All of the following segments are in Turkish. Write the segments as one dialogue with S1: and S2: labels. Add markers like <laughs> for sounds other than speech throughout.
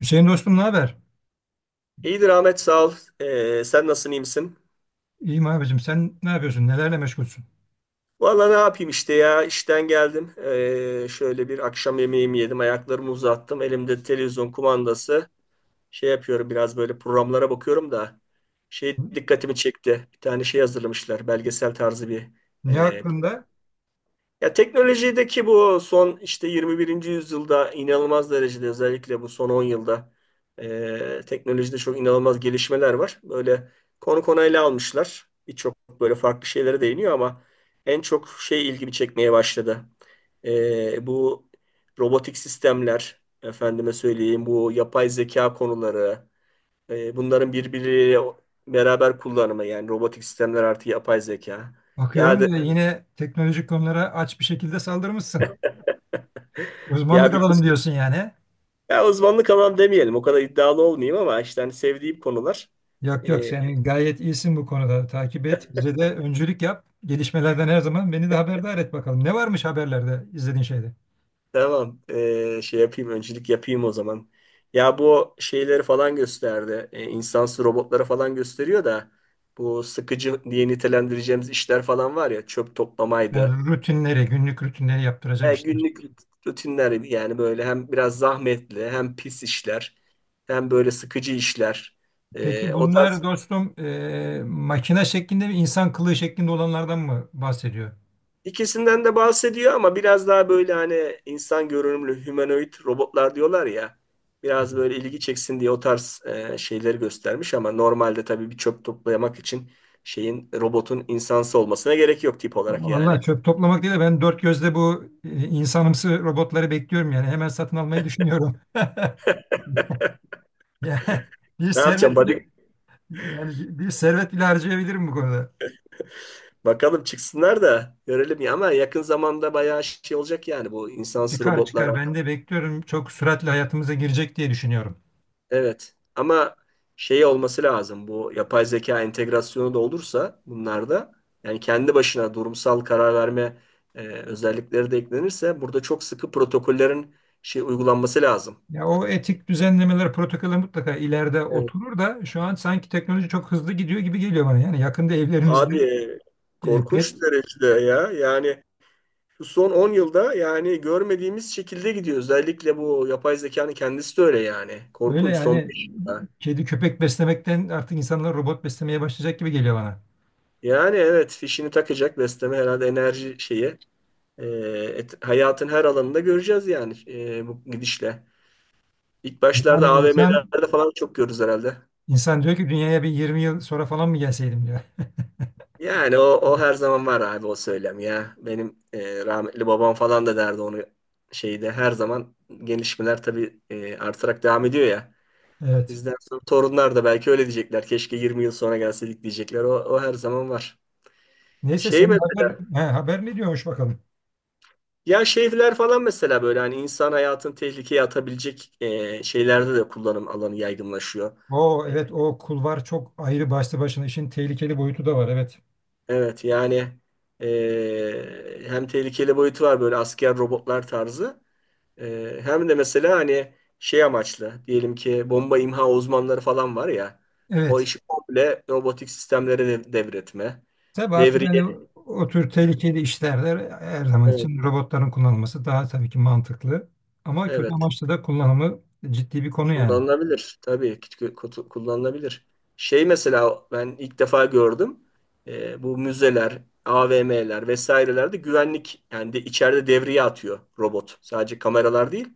S1: Hüseyin dostum, ne haber?
S2: İyidir Ahmet sağ ol. Sen nasılsın iyi misin?
S1: İyiyim abicim. Sen ne yapıyorsun? Nelerle meşgulsün?
S2: Valla ne yapayım işte ya işten geldim. Şöyle bir akşam yemeğimi yedim. Ayaklarımı uzattım. Elimde televizyon kumandası. Şey yapıyorum biraz böyle programlara bakıyorum da. Şey dikkatimi çekti. Bir tane şey hazırlamışlar. Belgesel tarzı bir,
S1: Ne
S2: e,
S1: hakkında?
S2: Ya teknolojideki bu son işte 21. yüzyılda inanılmaz derecede, özellikle bu son 10 yılda, teknolojide çok inanılmaz gelişmeler var. Böyle konu konu ele almışlar. Birçok böyle farklı şeylere değiniyor ama en çok şey ilgimi çekmeye başladı. Bu robotik sistemler, efendime söyleyeyim bu yapay zeka konuları, bunların birbiriyle beraber kullanımı, yani robotik sistemler artı yapay zeka. Ya da
S1: Bakıyorum da yine teknolojik konulara aç bir şekilde saldırmışsın.
S2: ya
S1: Uzmanlık alalım diyorsun yani.
S2: Ya uzmanlık alan demeyelim. O kadar iddialı olmayayım ama işte hani sevdiğim konular.
S1: Yok yok,
S2: Ee,
S1: sen gayet iyisin bu konuda. Takip et. Bize de öncülük yap. Gelişmelerden her zaman beni de haberdar et bakalım. Ne varmış haberlerde izlediğin şeyde?
S2: tamam. Şey yapayım. Öncülük yapayım o zaman. Ya bu şeyleri falan gösterdi. İnsansı robotları falan gösteriyor da bu sıkıcı diye nitelendireceğimiz işler falan var ya, çöp toplamaydı.
S1: Yani rutinleri, günlük rutinleri yaptıracak
S2: Ya
S1: işler.
S2: günlük rutinler, yani böyle hem biraz zahmetli hem pis işler, hem böyle sıkıcı işler.
S1: Peki
S2: O tarz...
S1: bunlar dostum makine şeklinde mi, insan kılığı şeklinde olanlardan mı bahsediyor?
S2: İkisinden de bahsediyor ama biraz daha böyle hani insan görünümlü humanoid robotlar diyorlar ya. Biraz böyle ilgi çeksin diye o tarz şeyleri göstermiş ama normalde tabii bir çöp toplamak için şeyin, robotun insansı olmasına gerek yok tip olarak yani.
S1: Vallahi çöp toplamak değil de ben dört gözle bu insanımsı robotları bekliyorum, yani hemen satın almayı düşünüyorum. <laughs> Yani bir
S2: Ne yapacağım?
S1: servet
S2: Hadi
S1: bile yani bir servet bile harcayabilirim bu konuda.
S2: bakalım çıksınlar da görelim ya, ama yakın zamanda bayağı şey olacak, yani bu insansız
S1: Çıkar
S2: robotlar.
S1: çıkar, ben de bekliyorum, çok süratle hayatımıza girecek diye düşünüyorum.
S2: Evet. Ama şey olması lazım. Bu yapay zeka entegrasyonu da olursa bunlarda, yani kendi başına durumsal karar verme özellikleri de eklenirse, burada çok sıkı protokollerin şey uygulanması lazım.
S1: Ya o etik düzenlemeler, protokoller mutlaka ileride
S2: Evet.
S1: oturur da şu an sanki teknoloji çok hızlı gidiyor gibi geliyor bana. Yani yakında
S2: Abi,
S1: evlerimizde pet
S2: korkunç derecede ya. Yani şu son 10 yılda yani görmediğimiz şekilde gidiyor. Özellikle bu yapay zekanın kendisi de öyle yani.
S1: böyle
S2: Korkunç son
S1: yani,
S2: 5 yılda.
S1: kedi köpek beslemekten artık insanlar robot beslemeye başlayacak gibi geliyor bana.
S2: Yani evet, fişini takacak, besleme herhalde enerji şeyi. E, Hayatın her alanında göreceğiz yani, bu gidişle. İlk başlarda
S1: Yani insan
S2: AVM'lerde falan çok görürüz herhalde.
S1: İnsan diyor ki, dünyaya bir 20 yıl sonra falan mı gelseydim diyor.
S2: Yani o her zaman var abi, o söylem ya. Benim rahmetli babam falan da derdi onu, şeyde her zaman gelişmeler tabii artarak devam ediyor ya.
S1: Evet.
S2: Bizden sonra torunlar da belki öyle diyecekler. Keşke 20 yıl sonra gelseydik diyecekler. O her zaman var.
S1: Neyse
S2: Şey
S1: senin
S2: mesela,
S1: haber, haber ne diyormuş bakalım.
S2: ya şeyler falan mesela, böyle hani insan hayatını tehlikeye atabilecek şeylerde de kullanım alanı yaygınlaşıyor.
S1: O
S2: E,
S1: evet, o kulvar çok ayrı, başlı başına işin tehlikeli boyutu da var, evet.
S2: Evet yani, hem tehlikeli boyutu var, böyle asker robotlar tarzı. Hem de mesela hani şey amaçlı, diyelim ki bomba imha uzmanları falan var ya, o
S1: Evet.
S2: işi komple robotik sistemlere devretme.
S1: Tabii artık hani
S2: Devriye...
S1: o tür tehlikeli işlerde her zaman
S2: Evet,
S1: için robotların kullanılması daha tabii ki mantıklı. Ama kötü
S2: evet,
S1: amaçlı da kullanımı ciddi bir konu yani.
S2: kullanılabilir tabii ki, kullanılabilir. Şey mesela, ben ilk defa gördüm. Bu müzeler, AVM'ler vesairelerde güvenlik, yani de içeride devriye atıyor robot. Sadece kameralar değil.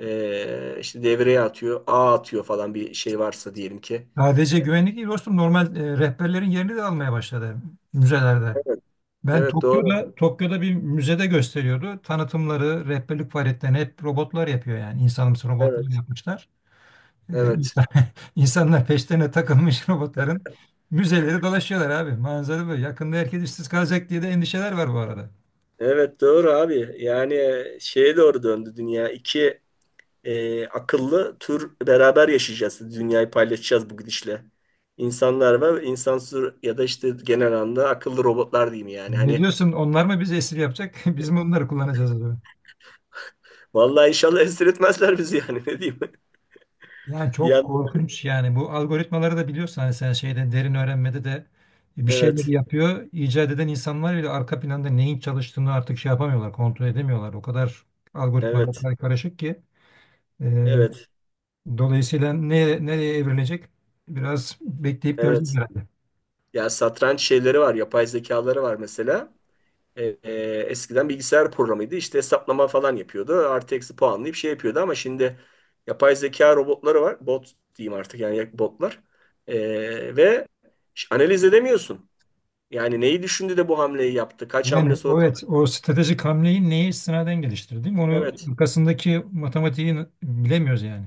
S2: İşte devreye atıyor, ağ atıyor falan, bir şey varsa diyelim ki.
S1: Sadece güvenlik değil dostum, normal rehberlerin yerini de almaya başladı müzelerde.
S2: Evet,
S1: Ben
S2: evet, doğru.
S1: Tokyo'da bir müzede gösteriyordu. Tanıtımları, rehberlik faaliyetlerini hep robotlar yapıyor yani. İnsanımsı robotlar
S2: Evet,
S1: yapmışlar.
S2: evet.
S1: İnsan, <laughs> insanlar peşlerine takılmış robotların müzeleri dolaşıyorlar abi. Manzara böyle. Yakında herkes işsiz kalacak diye de endişeler var bu arada.
S2: Evet doğru abi. Yani şeye doğru döndü dünya. İki akıllı tür beraber yaşayacağız. Dünyayı paylaşacağız bu gidişle. İnsanlar ve insansız, ya da işte genel anlamda akıllı robotlar diyeyim yani.
S1: Ne
S2: Hani
S1: diyorsun? Onlar mı bizi esir yapacak? <laughs> Biz mi onları kullanacağız acaba?
S2: vallahi, inşallah esir etmezler bizi yani, <laughs> ne diyeyim.
S1: Yani
S2: Bir
S1: çok
S2: yandan,
S1: korkunç yani, bu algoritmaları da biliyorsun hani, sen şeyde derin öğrenmede de bir şeyleri
S2: evet,
S1: yapıyor. İcat eden insanlar bile arka planda neyin çalıştığını artık şey yapamıyorlar, kontrol edemiyorlar. O kadar algoritmalar
S2: evet,
S1: karışık ki e,
S2: evet,
S1: dolayısıyla ne, nereye evrilecek biraz bekleyip göreceğiz
S2: evet.
S1: herhalde.
S2: Ya satranç şeyleri var, yapay zekaları var mesela. E, e, eskiden bilgisayar programıydı. İşte hesaplama falan yapıyordu. Artı eksi puanlayıp şey yapıyordu ama şimdi yapay zeka robotları var. Bot diyeyim artık, yani botlar. Ve analiz edemiyorsun. Yani neyi düşündü de bu hamleyi yaptı? Kaç hamle
S1: Yani
S2: sonra?
S1: evet, o stratejik hamleyi neye istinaden geliştirdi? Onu,
S2: Evet.
S1: arkasındaki matematiği bilemiyoruz yani.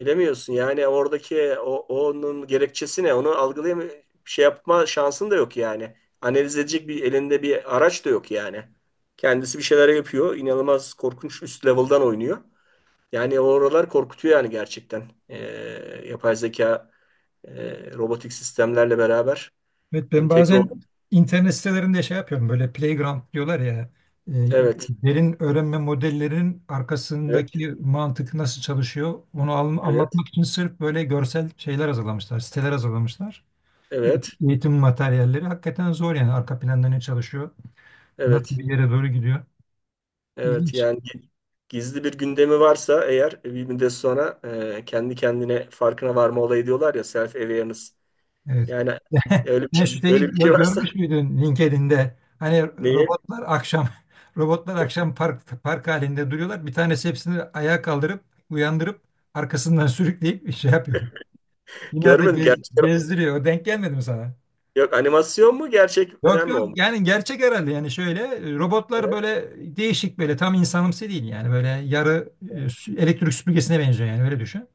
S2: Bilemiyorsun. Yani oradaki onun gerekçesi ne? Onu algılayam, şey yapma şansın da yok yani. Analiz edecek, bir elinde bir araç da yok yani. Kendisi bir şeyler yapıyor. İnanılmaz korkunç, üst level'dan oynuyor. Yani oralar korkutuyor yani gerçekten. Yapay zeka, robotik sistemlerle beraber
S1: Evet, ben
S2: entegre ol.
S1: bazen internet sitelerinde şey yapıyorum, böyle playground diyorlar ya, e,
S2: Evet,
S1: derin öğrenme modellerinin
S2: evet,
S1: arkasındaki mantık nasıl çalışıyor onu
S2: evet,
S1: anlatmak için sırf böyle görsel şeyler hazırlamışlar, siteler hazırlamışlar. E-
S2: evet,
S1: Eğitim materyalleri hakikaten zor, yani arka planda ne çalışıyor, nasıl
S2: evet,
S1: bir yere doğru gidiyor,
S2: evet.
S1: ilginç.
S2: Yani gizli bir gündemi varsa eğer, bir müddet sonra kendi kendine farkına varma olayı, diyorlar ya, self awareness.
S1: Evet.
S2: Yani
S1: <laughs> Ne şeyi
S2: öyle bir şey varsa <laughs>
S1: görmüş müydün LinkedIn'de? Hani
S2: neyi?
S1: robotlar akşam <laughs> robotlar akşam park halinde duruyorlar. Bir tanesi hepsini ayağa kaldırıp uyandırıp arkasından sürükleyip <laughs> şey yapıyor. Binada
S2: Görmedim gerçek.
S1: gezdiriyor. O denk gelmedi mi sana?
S2: Yok, animasyon mu,
S1: Yok
S2: gerçekten mi
S1: yok,
S2: olmuş?
S1: yani gerçek herhalde, yani şöyle robotlar
S2: Evet,
S1: böyle değişik, böyle tam insanımsı değil yani, böyle yarı
S2: evet.
S1: elektrik süpürgesine benziyor yani, öyle düşün.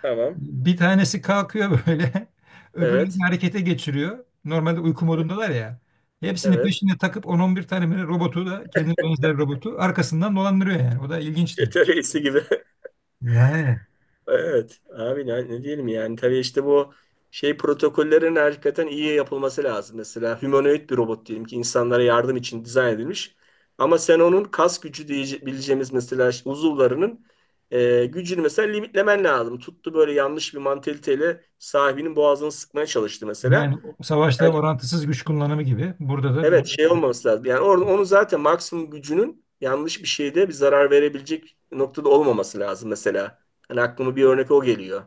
S2: Tamam.
S1: Bir tanesi kalkıyor böyle. <laughs> Öbürlerini
S2: Evet,
S1: harekete geçiriyor. Normalde uyku modundalar ya. Hepsini
S2: evet.
S1: peşine takıp 10-11 tane böyle robotu, da kendine benzer robotu arkasından dolandırıyor yani. O da ilginçti.
S2: Çete reisi gibi.
S1: Yani.
S2: Evet abi, ne diyelim yani, tabii işte bu şey protokollerin hakikaten iyi yapılması lazım. Mesela humanoid bir robot, diyelim ki insanlara yardım için dizayn edilmiş. Ama sen onun kas gücü diyebileceğimiz, mesela uzuvlarının gücünü mesela limitlemen lazım. Tuttu böyle yanlış bir mantaliteyle sahibinin boğazını sıkmaya çalıştı mesela.
S1: Yani o, savaşta
S2: Yani,
S1: orantısız güç kullanımı gibi. Burada da
S2: evet, şey olmaması lazım. Yani onu zaten maksimum gücünün yanlış bir şeyde bir zarar verebilecek noktada olmaması lazım mesela. Hani aklıma bir örnek o geliyor.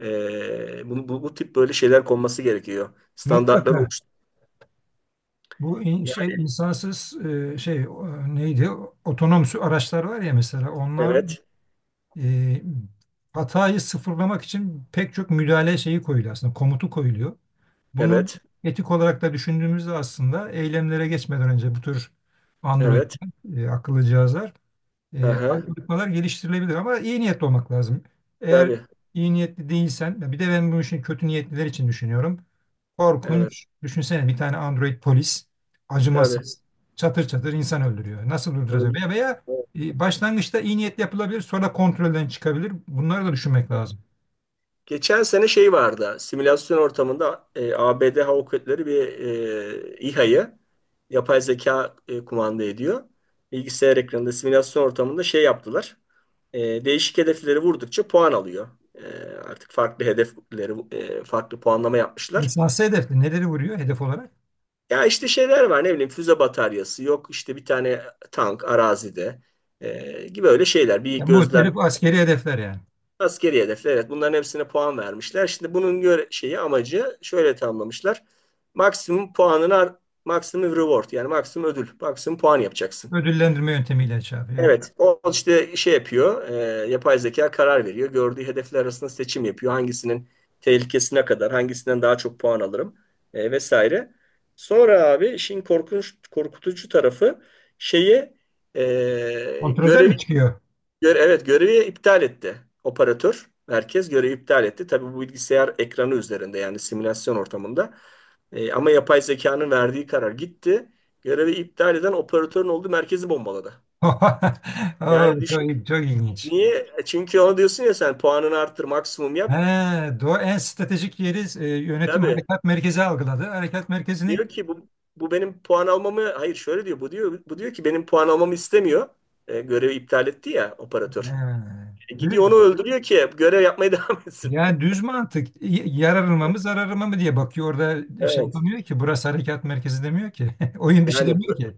S2: Bu tip böyle şeyler konması gerekiyor. Standartlar
S1: mutlaka
S2: oluştu.
S1: bu şey
S2: Yani
S1: insansız şey neydi? Otonom araçlar var ya mesela, onlar
S2: evet,
S1: e, hatayı sıfırlamak için pek çok müdahale şeyi koyuluyor aslında, komutu koyuluyor. Bunu
S2: evet,
S1: etik olarak da düşündüğümüzde aslında eylemlere geçmeden önce bu tür Android
S2: evet.
S1: akıllı cihazlar,
S2: Aha,
S1: algoritmalar geliştirilebilir ama iyi niyetli olmak lazım. Eğer
S2: tabii,
S1: iyi niyetli değilsen, bir de ben bu işin kötü niyetliler için düşünüyorum.
S2: evet,
S1: Korkunç. Düşünsene, bir tane Android polis
S2: tabii.
S1: acımasız çatır çatır insan öldürüyor. Nasıl durduracak?
S2: Öyle.
S1: Veya, veya başlangıçta iyi niyetli yapılabilir, sonra kontrolden çıkabilir. Bunları da düşünmek
S2: Evet.
S1: lazım.
S2: Geçen sene şey vardı. Simülasyon ortamında, ABD Hava Kuvvetleri bir İHA'yı yapay zeka kumanda ediyor. Bilgisayar ekranında, simülasyon ortamında şey yaptılar. Değişik hedefleri vurdukça puan alıyor. E, artık farklı hedefleri, farklı puanlama yapmışlar.
S1: İnsansı hedefli neleri vuruyor hedef olarak?
S2: Ya işte şeyler var, ne bileyim, füze bataryası, yok işte bir tane tank arazide gibi, öyle şeyler. Bir
S1: Ya,
S2: gözlem...
S1: muhtelif askeri hedefler yani.
S2: Askeri hedefler, evet, bunların hepsine puan vermişler. Şimdi bunun göre şeyi amacı şöyle tamamlamışlar. Maksimum puanını, maksimum reward, yani maksimum ödül, maksimum puan yapacaksın.
S1: Ödüllendirme yöntemiyle şey yapıyor. Evet.
S2: Evet o işte şey yapıyor. Yapay zeka karar veriyor. Gördüğü hedefler arasında seçim yapıyor. Hangisinin tehlikesine kadar, hangisinden daha çok puan alırım vesaire. Sonra abi işin korkunç korkutucu tarafı, şeyi,
S1: Kontrolden
S2: görevi,
S1: mi çıkıyor?
S2: Evet, görevi iptal etti. Operatör merkez görevi iptal etti. Tabii bu bilgisayar ekranı üzerinde, yani simülasyon ortamında. Ama yapay zekanın verdiği karar gitti. Görevi iptal eden operatörün olduğu merkezi bombaladı.
S1: <laughs>
S2: Yani
S1: Oo, çok,
S2: düşün.
S1: çok ilginç.
S2: Niye? Çünkü ona diyorsun ya, sen puanını arttır, maksimum
S1: He,
S2: yap.
S1: doğu en stratejik yeri, yönetim
S2: Tabii.
S1: harekat merkezi algıladı. Harekat
S2: Diyor
S1: merkezinin
S2: ki bu benim puan almamı, hayır, şöyle diyor. Bu diyor ki benim puan almamı istemiyor. Görevi iptal etti ya operatör.
S1: he,
S2: Gidiyor onu
S1: dü-
S2: öldürüyor ki görev yapmaya <laughs> devam etsin.
S1: yani düz mantık, yararıma mı zararıma mı diye bakıyor. Orada şey
S2: Evet.
S1: yapamıyor ki, burası harekat merkezi demiyor ki. <laughs> Oyun dışı
S2: Yani
S1: demiyor ki.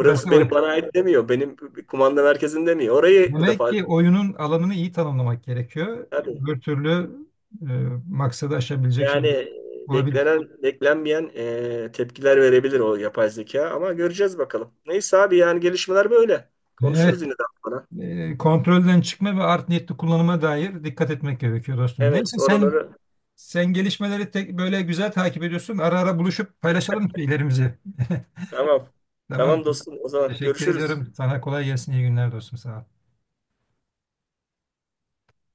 S1: Burası oy.
S2: benim, bana ait demiyor. Benim kumanda merkezim demiyor. Orayı bu
S1: Demek
S2: defa,
S1: ki oyunun alanını iyi tanımlamak gerekiyor.
S2: tabii.
S1: Öbür türlü e, maksadı aşabilecek şey
S2: Yani
S1: olabilir.
S2: beklenen, beklenmeyen tepkiler verebilir o yapay zeka, ama göreceğiz bakalım. Neyse abi, yani gelişmeler böyle.
S1: Evet.
S2: Konuşuruz yine daha sonra.
S1: Kontrolden çıkma ve art niyetli kullanıma dair dikkat etmek gerekiyor dostum.
S2: Evet,
S1: Neyse, sen
S2: oraları
S1: sen gelişmeleri böyle güzel takip ediyorsun. Ara ara buluşup paylaşalım şeylerimizi. <laughs>
S2: tamam. Tamam
S1: Tamam.
S2: dostum, o zaman
S1: Teşekkür
S2: görüşürüz.
S1: ediyorum. Sana kolay gelsin. İyi günler dostum. Sağ ol.